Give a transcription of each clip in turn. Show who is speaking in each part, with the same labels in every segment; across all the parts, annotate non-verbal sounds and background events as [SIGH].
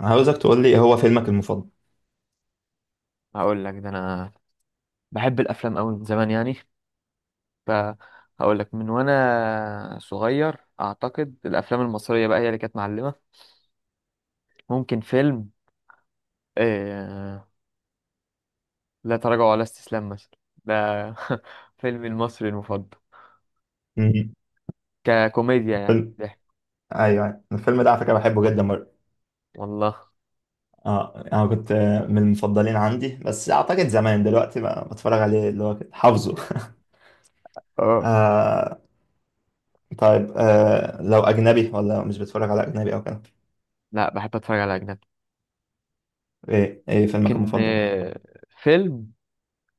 Speaker 1: عاوزك تقول لي إيه هو فيلمك المفضل؟
Speaker 2: هقول لك ده انا بحب الافلام قوي من زمان يعني. فهقول لك من وانا صغير اعتقد الافلام المصريه بقى هي اللي كانت معلمه. ممكن فيلم آه... لا تراجع ولا استسلام مثلا. ده [LAUGHS] فيلمي المصري المفضل،
Speaker 1: مم.
Speaker 2: ككوميديا يعني
Speaker 1: الفيلم
Speaker 2: ضحك.
Speaker 1: ايوه أيوة. الفيلم ده على فكره بحبه جدا برضه.
Speaker 2: والله.
Speaker 1: اه، انا كنت من المفضلين عندي، بس اعتقد زمان، دلوقتي بقى بتفرج عليه اللي هو كده حافظه. [LAUGHS]
Speaker 2: اه،
Speaker 1: آه. طيب، لو أجنبي ولا مش بتتفرج على أجنبي أو كده؟
Speaker 2: لا بحب اتفرج على اجنبي.
Speaker 1: إيه فيلمك
Speaker 2: ممكن
Speaker 1: المفضل؟
Speaker 2: فيلم.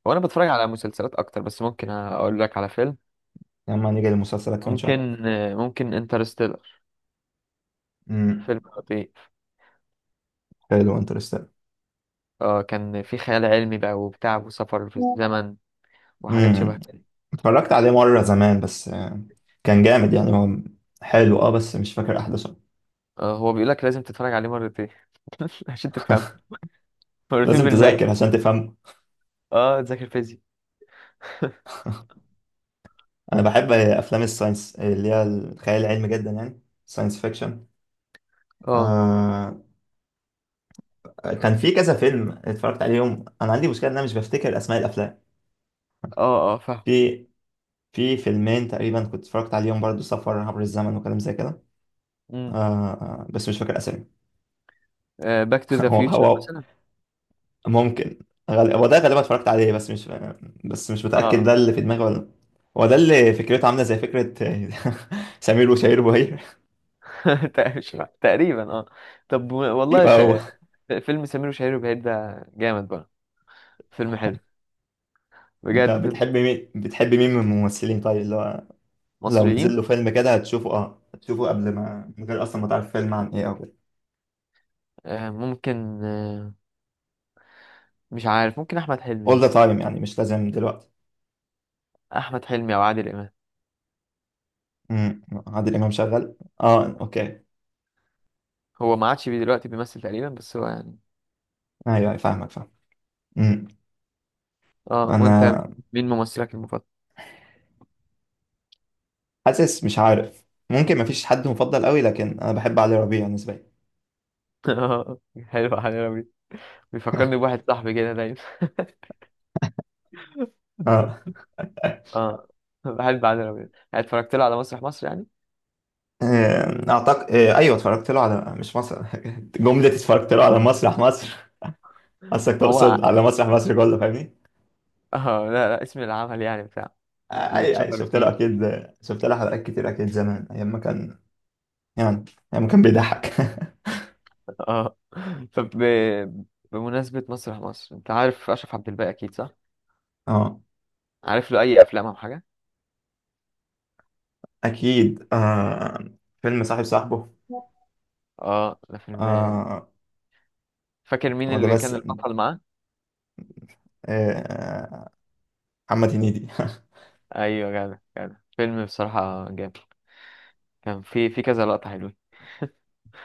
Speaker 2: وانا بتفرج على مسلسلات اكتر، بس ممكن اقول لك على فيلم.
Speaker 1: يا عم، هنيجي لمسلسلك كمان شوية.
Speaker 2: ممكن انترستيلر.
Speaker 1: امم.
Speaker 2: فيلم خطير.
Speaker 1: حلو، انترستيلر.
Speaker 2: اه، كان في خيال علمي بقى وبتاع وسفر في الزمن وحاجات شبه
Speaker 1: امم.
Speaker 2: كده.
Speaker 1: اتفرجت عليه مرة زمان بس آه، كان جامد يعني هو. حلو بس مش فاكر أحداثه.
Speaker 2: اه، هو بيقول لك لازم تتفرج عليه مرتين [LAUGHS] عشان تفهم. مرتين
Speaker 1: لازم تذاكر
Speaker 2: بالمية.
Speaker 1: عشان تفهم.
Speaker 2: اه، تذاكر فيزياء.
Speaker 1: أنا بحب أفلام الساينس، اللي هي الخيال العلمي جدا، يعني ساينس فيكشن.
Speaker 2: اه،
Speaker 1: آه. كان في كذا فيلم اتفرجت عليهم، أنا عندي مشكلة إن أنا مش بفتكر أسماء الأفلام.
Speaker 2: اه، اه، فاهم.
Speaker 1: في في فيلمين تقريبا كنت اتفرجت عليهم برضو، سفر عبر الزمن وكلام زي كده.
Speaker 2: امم
Speaker 1: بس مش فاكر اسامي.
Speaker 2: باك تو
Speaker 1: [LAUGHS]
Speaker 2: ذا
Speaker 1: هو
Speaker 2: فيوتشر
Speaker 1: هو.
Speaker 2: مثلا.
Speaker 1: ممكن. هو ده غالبا اتفرجت عليه، بس مش متأكد ده
Speaker 2: اه
Speaker 1: اللي
Speaker 2: [LAUGHS]
Speaker 1: في دماغي ولا لأ. هو ده اللي فكرته عاملة زي فكرة [LAUGHS] سمير وشهير وبهير.
Speaker 2: آه. مش فاهم. تقريبا اه. طب،
Speaker 1: [LAUGHS]
Speaker 2: والله
Speaker 1: يبقى هو.
Speaker 2: فيلم سمير وشهير وبهير ده جامد بقى. فيلم حلو.
Speaker 1: انت
Speaker 2: بجد فيلم حلو.
Speaker 1: بتحب مين من الممثلين طيب، اللي هو لو نزل
Speaker 2: مصريين.
Speaker 1: له فيلم كده هتشوفه قبل ما، من غير اصلا ما تعرف فيلم عن ايه او كده؟
Speaker 2: آه، ممكن مش عارف، ممكن احمد حلمي
Speaker 1: all the
Speaker 2: مثلا.
Speaker 1: time، يعني مش لازم دلوقتي.
Speaker 2: احمد حلمي او عادل امام.
Speaker 1: عادل امام شغال. اه، اوكي.
Speaker 2: هو ما عادش دلوقتي بيمثل تقريبا بس هو يعني.
Speaker 1: ايوه أيوة، فاهمك فاهمك. مم.
Speaker 2: اه، وانت؟
Speaker 1: انا
Speaker 2: مين ممثلك المفضل؟
Speaker 1: حاسس مش عارف. ممكن مفيش حد مفضل قوي، لكن انا بحب علي ربيع نسبيا.
Speaker 2: [LAUGHS] اه. حلو، علي ربيع. بيفكرني بواحد صاحبي كده دايما.
Speaker 1: اه.
Speaker 2: [LAUGHS] اه. بحب علي ربيع، يعني اتفرجت له على مسرح مصر يعني.
Speaker 1: اعتقد ايوه اتفرجت له على مش مصر. [LAUGHS] جمله اتفرجت له على مسرح مصر.
Speaker 2: هو ع-
Speaker 1: تقصد على
Speaker 2: [LAUGHS]
Speaker 1: مسرح مصر كله، فاهمني؟
Speaker 2: اه، لا لا، اسم العمل يعني بتاع.
Speaker 1: آه،
Speaker 2: اللي
Speaker 1: اي
Speaker 2: اتشهر
Speaker 1: شفت له
Speaker 2: فيه.
Speaker 1: اكيد. شفت له حلقات كتير اكيد زمان، ايام ما كان، يعني ايام ما كان بيضحك. [LAUGHS]
Speaker 2: [LAUGHS] اه. طب ب- بمناسبة مسرح مصر، انت عارف اشرف عبد الباقي اكيد صح؟
Speaker 1: اه،
Speaker 2: عارف له اي افلام او حاجة؟
Speaker 1: اكيد آه. فيلم صاحب صاحبه.
Speaker 2: اه، ده فيلم.
Speaker 1: آه.
Speaker 2: فاكر مين
Speaker 1: هو ده
Speaker 2: اللي
Speaker 1: بس
Speaker 2: كان
Speaker 1: آه.
Speaker 2: البطل معاه؟
Speaker 1: آه، محمد هنيدي. [LAUGHS]
Speaker 2: ايوه، جدع جدع، فيلم بصراحة جامد. كان في كذا لقطة حلوة.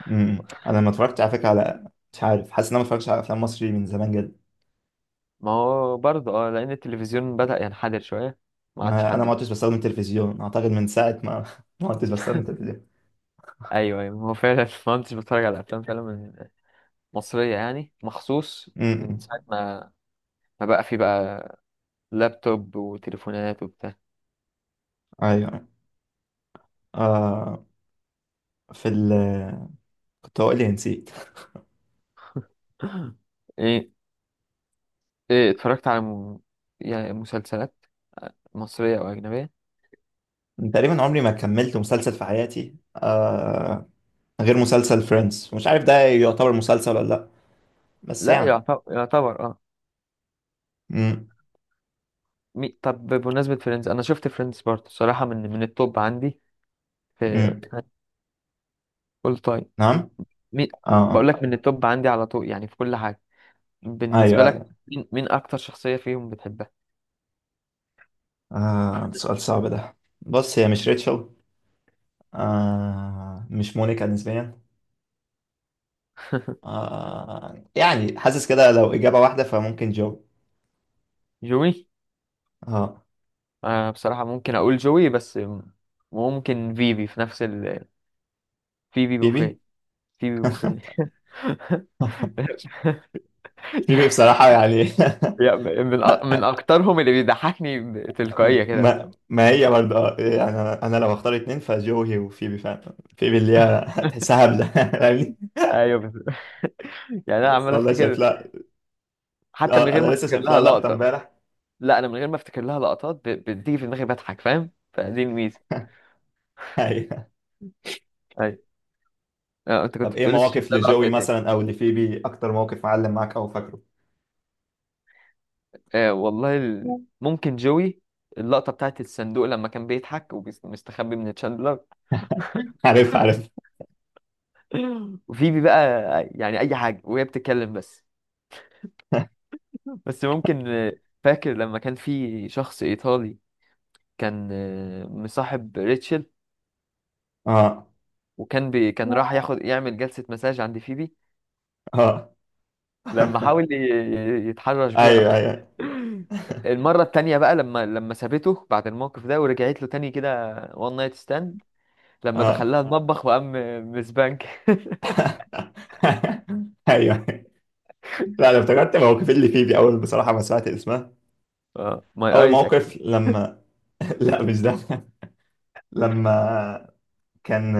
Speaker 1: انا ما اتفرجت على فكره على، مش عارف. حاسس ان انا ما اتفرجتش على افلام مصري من زمان جدا.
Speaker 2: ما هو برضه لأن التلفزيون بدأ ينحدر شوية. ما عادش
Speaker 1: ما انا
Speaker 2: حد
Speaker 1: ما عدتش بستخدم تلفزيون، اعتقد من ساعه ما [LAUGHS] ما عدتش بستخدم تلفزيون.
Speaker 2: أيوه، أيوه، هو فعلا [LAUGHS] ما كنتش بتفرج على أفلام فعلا من، مصرية يعني مخصوص. من
Speaker 1: امم،
Speaker 2: ساعة ما بقى في بقى لابتوب وتليفونات وبتاع.
Speaker 1: ايوه. آه في ال، كنت هقول لي نسيت.
Speaker 2: [CLEARS THROAT] [LAUGHS] إيه. إيه، اتفرجت على يعني مسلسلات؟ آه، مصرية أو أجنبية؟
Speaker 1: تقريبا عمري ما كملت مسلسل في حياتي آه، غير مسلسل فريندز. مش عارف ده يعتبر مسلسل ولا لا، بس
Speaker 2: لا
Speaker 1: يعني.
Speaker 2: يعتبر، يعتبر اه.
Speaker 1: امم.
Speaker 2: طب، بمناسبة فريندز، أنا شفت فريندز برضه صراحة من التوب عندي. في
Speaker 1: امم.
Speaker 2: أول تايم.
Speaker 1: نعم.
Speaker 2: مين؟
Speaker 1: اه
Speaker 2: بقول
Speaker 1: آه.
Speaker 2: لك من التوب عندي على طول، يعني في كل حاجة. بالنسبة
Speaker 1: ايوه
Speaker 2: لك
Speaker 1: ايوه.
Speaker 2: مين أكتر شخصية فيهم بتحبها؟
Speaker 1: سؤال صعب ده. بص، هي مش ريتشل، مش مونيكا نسبيا.
Speaker 2: [LAUGHS]
Speaker 1: يعني حاسس كده لو إجابة واحدة فممكن جو.
Speaker 2: جوي.
Speaker 1: اه.
Speaker 2: بصراحة ممكن أقول جوي، بس ممكن فيبي في نفس فيبي بوفيه.
Speaker 1: بيبي.
Speaker 2: فيبي بوفيه
Speaker 1: [LAUGHS]
Speaker 2: [LAUGHS]
Speaker 1: بيبي بصراحة يعني. [LAUGHS]
Speaker 2: يعني من أكترهم اللي بيضحكني، تلقائية كده
Speaker 1: ما
Speaker 2: فاهم.
Speaker 1: ما هي برضه اه، يعني أنا لو هختار اتنين فجو هي وفيبي، فاهم؟ فيبي اللي هي [LAUGHS] تحسها هبلة [LAUGHS] فاهمني.
Speaker 2: ايوه بس [LAUGHS] يعني انا
Speaker 1: لسه
Speaker 2: عمال
Speaker 1: والله شايف
Speaker 2: افتكر.
Speaker 1: لها.
Speaker 2: حتى من
Speaker 1: لا،
Speaker 2: غير ما
Speaker 1: أنا لسه
Speaker 2: افتكر
Speaker 1: شايف
Speaker 2: لها
Speaker 1: لها لقطة
Speaker 2: لقطه.
Speaker 1: امبارح.
Speaker 2: لا، انا من غير ما افتكر لها لقطات بتيجي في دماغي بضحك فاهم، فدي الميزه.
Speaker 1: [LAUGHS] أيوه.
Speaker 2: أيوه. اه، انت
Speaker 1: طب
Speaker 2: كنت
Speaker 1: إيه
Speaker 2: بتقول لسه شايف
Speaker 1: مواقف
Speaker 2: لها لقطة
Speaker 1: لجوي
Speaker 2: إيه تاني؟
Speaker 1: مثلا أو لفيبي؟ أكتر موقف معلم معاك أو فاكره؟
Speaker 2: اه، والله ممكن جوي. اللقطة بتاعت الصندوق لما كان بيضحك ومستخبي من تشاندلر.
Speaker 1: [LAUGHS] عارف عارف.
Speaker 2: [LAUGHS] وفيبي بقى، يعني أي حاجة وهي بتتكلم بس. بس ممكن. فاكر لما كان في شخص إيطالي. كان مصاحب ريتشل.
Speaker 1: اه
Speaker 2: وكان بي... كان راح ياخد يعمل جلسة مساج عند فيبي.
Speaker 1: اه.
Speaker 2: لما
Speaker 1: [LAUGHS]
Speaker 2: حاول يتحرش بيها. أوي.
Speaker 1: أيوه أيوه.
Speaker 2: [LAUGHS] المرة التانية بقى لما سابته بعد الموقف ده ورجعت له تاني كده وان نايت ستاند. لما
Speaker 1: اه.
Speaker 2: دخلها المطبخ وقام. مسبانك [LAUGHS]
Speaker 1: [LAUGHS] ايوه. لا، انا افتكرت موقف اللي فيه دي اول بصراحه ما سمعت اسمها،
Speaker 2: اه، ماي
Speaker 1: اول
Speaker 2: ايز اكيد.
Speaker 1: موقف لما [LAUGHS] لا، مش ده. لما كان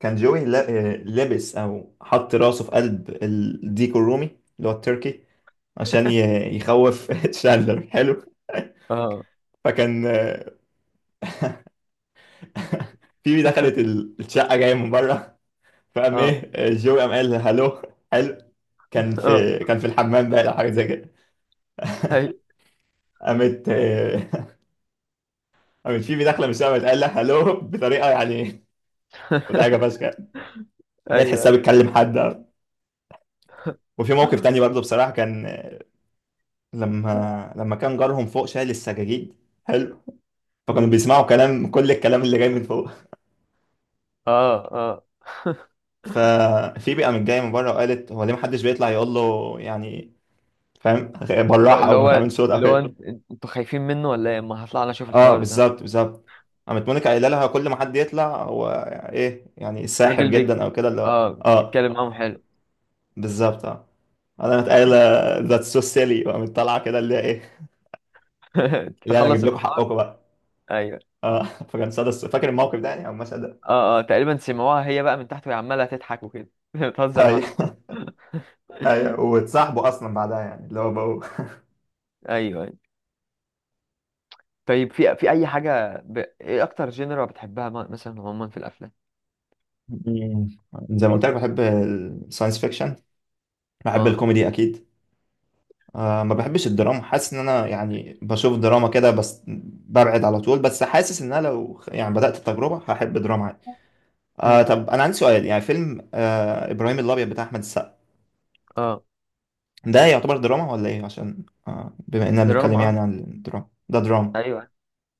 Speaker 1: كان جوي لابس او حط راسه في قلب الديك الرومي اللي هو التركي عشان يخوف [LAUGHS] شاندلر. حلو.
Speaker 2: اه
Speaker 1: فكان [LAUGHS] في دخلت
Speaker 2: [LAUGHS]
Speaker 1: الشقه جايه من بره، فقام
Speaker 2: اه،
Speaker 1: ايه، جوي قام قال هلو. حلو. كان
Speaker 2: اه.
Speaker 1: في كان في الحمام بقى او حاجه زي كده.
Speaker 2: ايوه
Speaker 1: قامت [LAUGHS] قامت فيبي داخله من الشقه، قامت قال لها هلو بطريقه، يعني حاجه
Speaker 2: [LAUGHS]
Speaker 1: فشخ ان هي
Speaker 2: ايوه،
Speaker 1: تحسها
Speaker 2: ايوه.
Speaker 1: بتكلم حد أو. وفي موقف تاني برضه بصراحه كان، لما كان جارهم فوق شايل السجاجيد. حلو. فكانوا
Speaker 2: مم.
Speaker 1: بيسمعوا كل الكلام اللي جاي من فوق.
Speaker 2: اه، اه.
Speaker 1: [LAUGHS] ففي بقى من جايه من بره وقالت هو ليه محدش بيطلع يقول له يعني، فاهم،
Speaker 2: [LAUGHS]
Speaker 1: بالراحه
Speaker 2: اللي
Speaker 1: او ما
Speaker 2: هو
Speaker 1: تعملش صوت او
Speaker 2: اللي هو
Speaker 1: كده.
Speaker 2: انتوا خايفين منه ولا ايه؟ ما هطلع انا اشوف
Speaker 1: اه،
Speaker 2: الحوار ده.
Speaker 1: بالظبط بالظبط. قامت مونيكا قايله لها كل ما حد يطلع هو، ايه يعني، ساحر
Speaker 2: الراجل بيك.
Speaker 1: جدا او كده اللي هو
Speaker 2: اه،
Speaker 1: اه.
Speaker 2: اتكلم معاهم حلو.
Speaker 1: بالظبط اه، انا قايله ذاتس سو سيلي، وقامت طالعه كده اللي هي ايه،
Speaker 2: [LAUGHS]
Speaker 1: اللي هي انا اجيب
Speaker 2: تخلص
Speaker 1: لكم
Speaker 2: الحوار.
Speaker 1: حقكم بقى.
Speaker 2: ايوه.
Speaker 1: اه [LAUGHS] فكان صدى فاكر الموقف ده يعني، او المشهد ده؟
Speaker 2: اه، اه، تقريبا سمعوها هي بقى من تحت وهي عماله تضحك وكده [LAUGHS] بتهزر
Speaker 1: ايوه.
Speaker 2: معاها.
Speaker 1: [LAUGHS] ايوه، واتصاحبوا اصلا بعدها يعني، اللي هو بقوا.
Speaker 2: ايوه، ايوه. طيب، في اي حاجه ايه اكتر جينرا بتحبها مثلا عموما في الافلام؟
Speaker 1: مم. زي ما قلت لك، بحب الساينس فيكشن، بحب
Speaker 2: اه.
Speaker 1: الكوميدي اكيد. ما بحبش الدراما. حاسس ان انا يعني بشوف دراما كده بس ببعد على طول، بس حاسس ان انا لو يعني بدأت التجربة هحب دراما عادي.
Speaker 2: امم
Speaker 1: طب انا عندي سؤال، يعني فيلم ابراهيم الابيض بتاع احمد السقا،
Speaker 2: اه.
Speaker 1: ده يعتبر دراما ولا ايه؟ عشان بما اننا بنتكلم
Speaker 2: دراما اه.
Speaker 1: يعني عن الدراما. ده دراما.
Speaker 2: ايوه،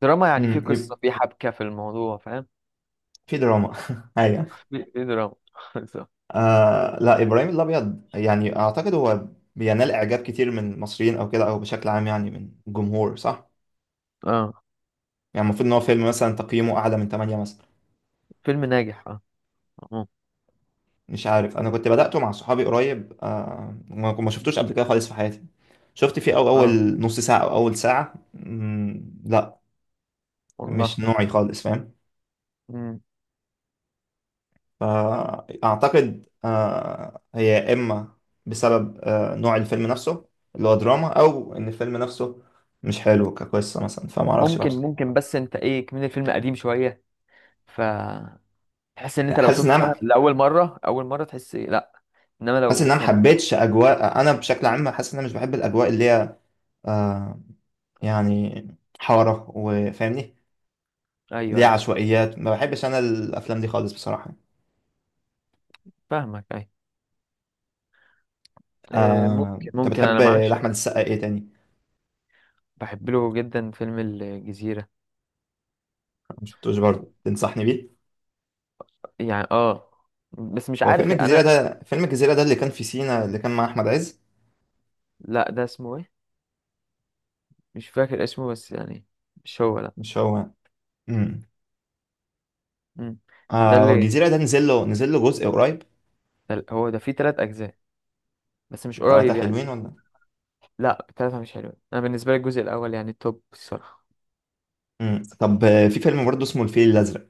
Speaker 2: دراما يعني في
Speaker 1: امم، يبقى
Speaker 2: قصة في حبكة في الموضوع فاهم.
Speaker 1: في دراما. [LAUGHS] ايوه.
Speaker 2: في دراما [LAUGHS] بالظبط.
Speaker 1: لا، ابراهيم الابيض يعني اعتقد هو بينال اعجاب كتير من المصريين او كده، او بشكل عام يعني من الجمهور، صح؟
Speaker 2: اه.
Speaker 1: يعني المفروض ان هو فيلم مثلا تقييمه اعلى من 8 مثلا.
Speaker 2: فيلم ناجح اه. اه.
Speaker 1: مش عارف، انا كنت بدأته مع صحابي قريب، ما شفتوش قبل كده خالص في حياتي. شفت فيه أو
Speaker 2: آه،
Speaker 1: اول نص ساعة او اول ساعة، مم، لا. مش
Speaker 2: والله.
Speaker 1: نوعي خالص، فاهم.
Speaker 2: مم.
Speaker 1: فأعتقد هي يا إما بسبب نوع الفيلم نفسه اللي هو دراما، أو إن الفيلم نفسه مش حلو كقصة مثلا، فما أعرفش بقى
Speaker 2: ممكن
Speaker 1: بصراحة.
Speaker 2: ممكن بس انت ايه كمان الفيلم قديم شوية. ف تحس ان انت
Speaker 1: يعني
Speaker 2: لو
Speaker 1: حاسس إن
Speaker 2: شفت فيها
Speaker 1: أنا
Speaker 2: لأول مرة، أول مرة تحس إيه، لا. انما
Speaker 1: حاسس إن
Speaker 2: لو
Speaker 1: أنا
Speaker 2: كانت.
Speaker 1: محبتش أجواء. أنا بشكل عام حاسس إن أنا مش بحب الأجواء اللي هي آه، يعني حارة وفاهمني. اللي
Speaker 2: ايوه،
Speaker 1: هي
Speaker 2: ايوه،
Speaker 1: عشوائيات، ما بحبش أنا الأفلام دي خالص بصراحة.
Speaker 2: فاهمك ايوه. ممكن
Speaker 1: أنت
Speaker 2: ممكن
Speaker 1: بتحب
Speaker 2: انا معاكش.
Speaker 1: لأحمد السقا إيه تاني؟
Speaker 2: بحب له جدا فيلم الجزيرة.
Speaker 1: ما شفتوش برضه، تنصحني بيه؟
Speaker 2: يعني اه. بس مش
Speaker 1: هو فيلم
Speaker 2: عارف
Speaker 1: الجزيرة
Speaker 2: انا.
Speaker 1: ده فيلم الجزيرة ده اللي كان في سينا اللي كان مع أحمد عز؟
Speaker 2: لا ده اسمه ايه. مش فاكر اسمه بس يعني. مش هو لا.
Speaker 1: مش هو. امم.
Speaker 2: مم. ده
Speaker 1: آه، هو
Speaker 2: اللي
Speaker 1: الجزيرة ده نزل له جزء قريب.
Speaker 2: ده ال- هو ده فيه تلات أجزاء. بس مش
Speaker 1: تلاتة
Speaker 2: قريب يعني.
Speaker 1: حلوين ولا؟
Speaker 2: لا، التلاتة مش حلوة، أنا بالنسبة لي الجزء الأول يعني التوب الصراحة.
Speaker 1: امم. طب في فيلم برضه اسمه الفيل الأزرق.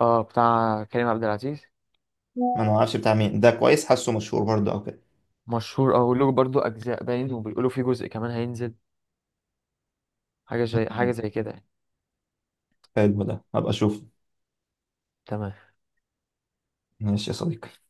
Speaker 2: اه، بتاع كريم عبد العزيز.
Speaker 1: ما انا ما اعرفش بتاع مين ده، كويس، حاسه مشهور برضه او كده.
Speaker 2: مشهور اه، وله برضه أجزاء باين وبيقولوا فيه جزء كمان هينزل. حاجة زي حاجة
Speaker 1: مم.
Speaker 2: زي كده يعني.
Speaker 1: حلو، ده هبقى اشوفه.
Speaker 2: تمام.
Speaker 1: ماشي يا صديقي.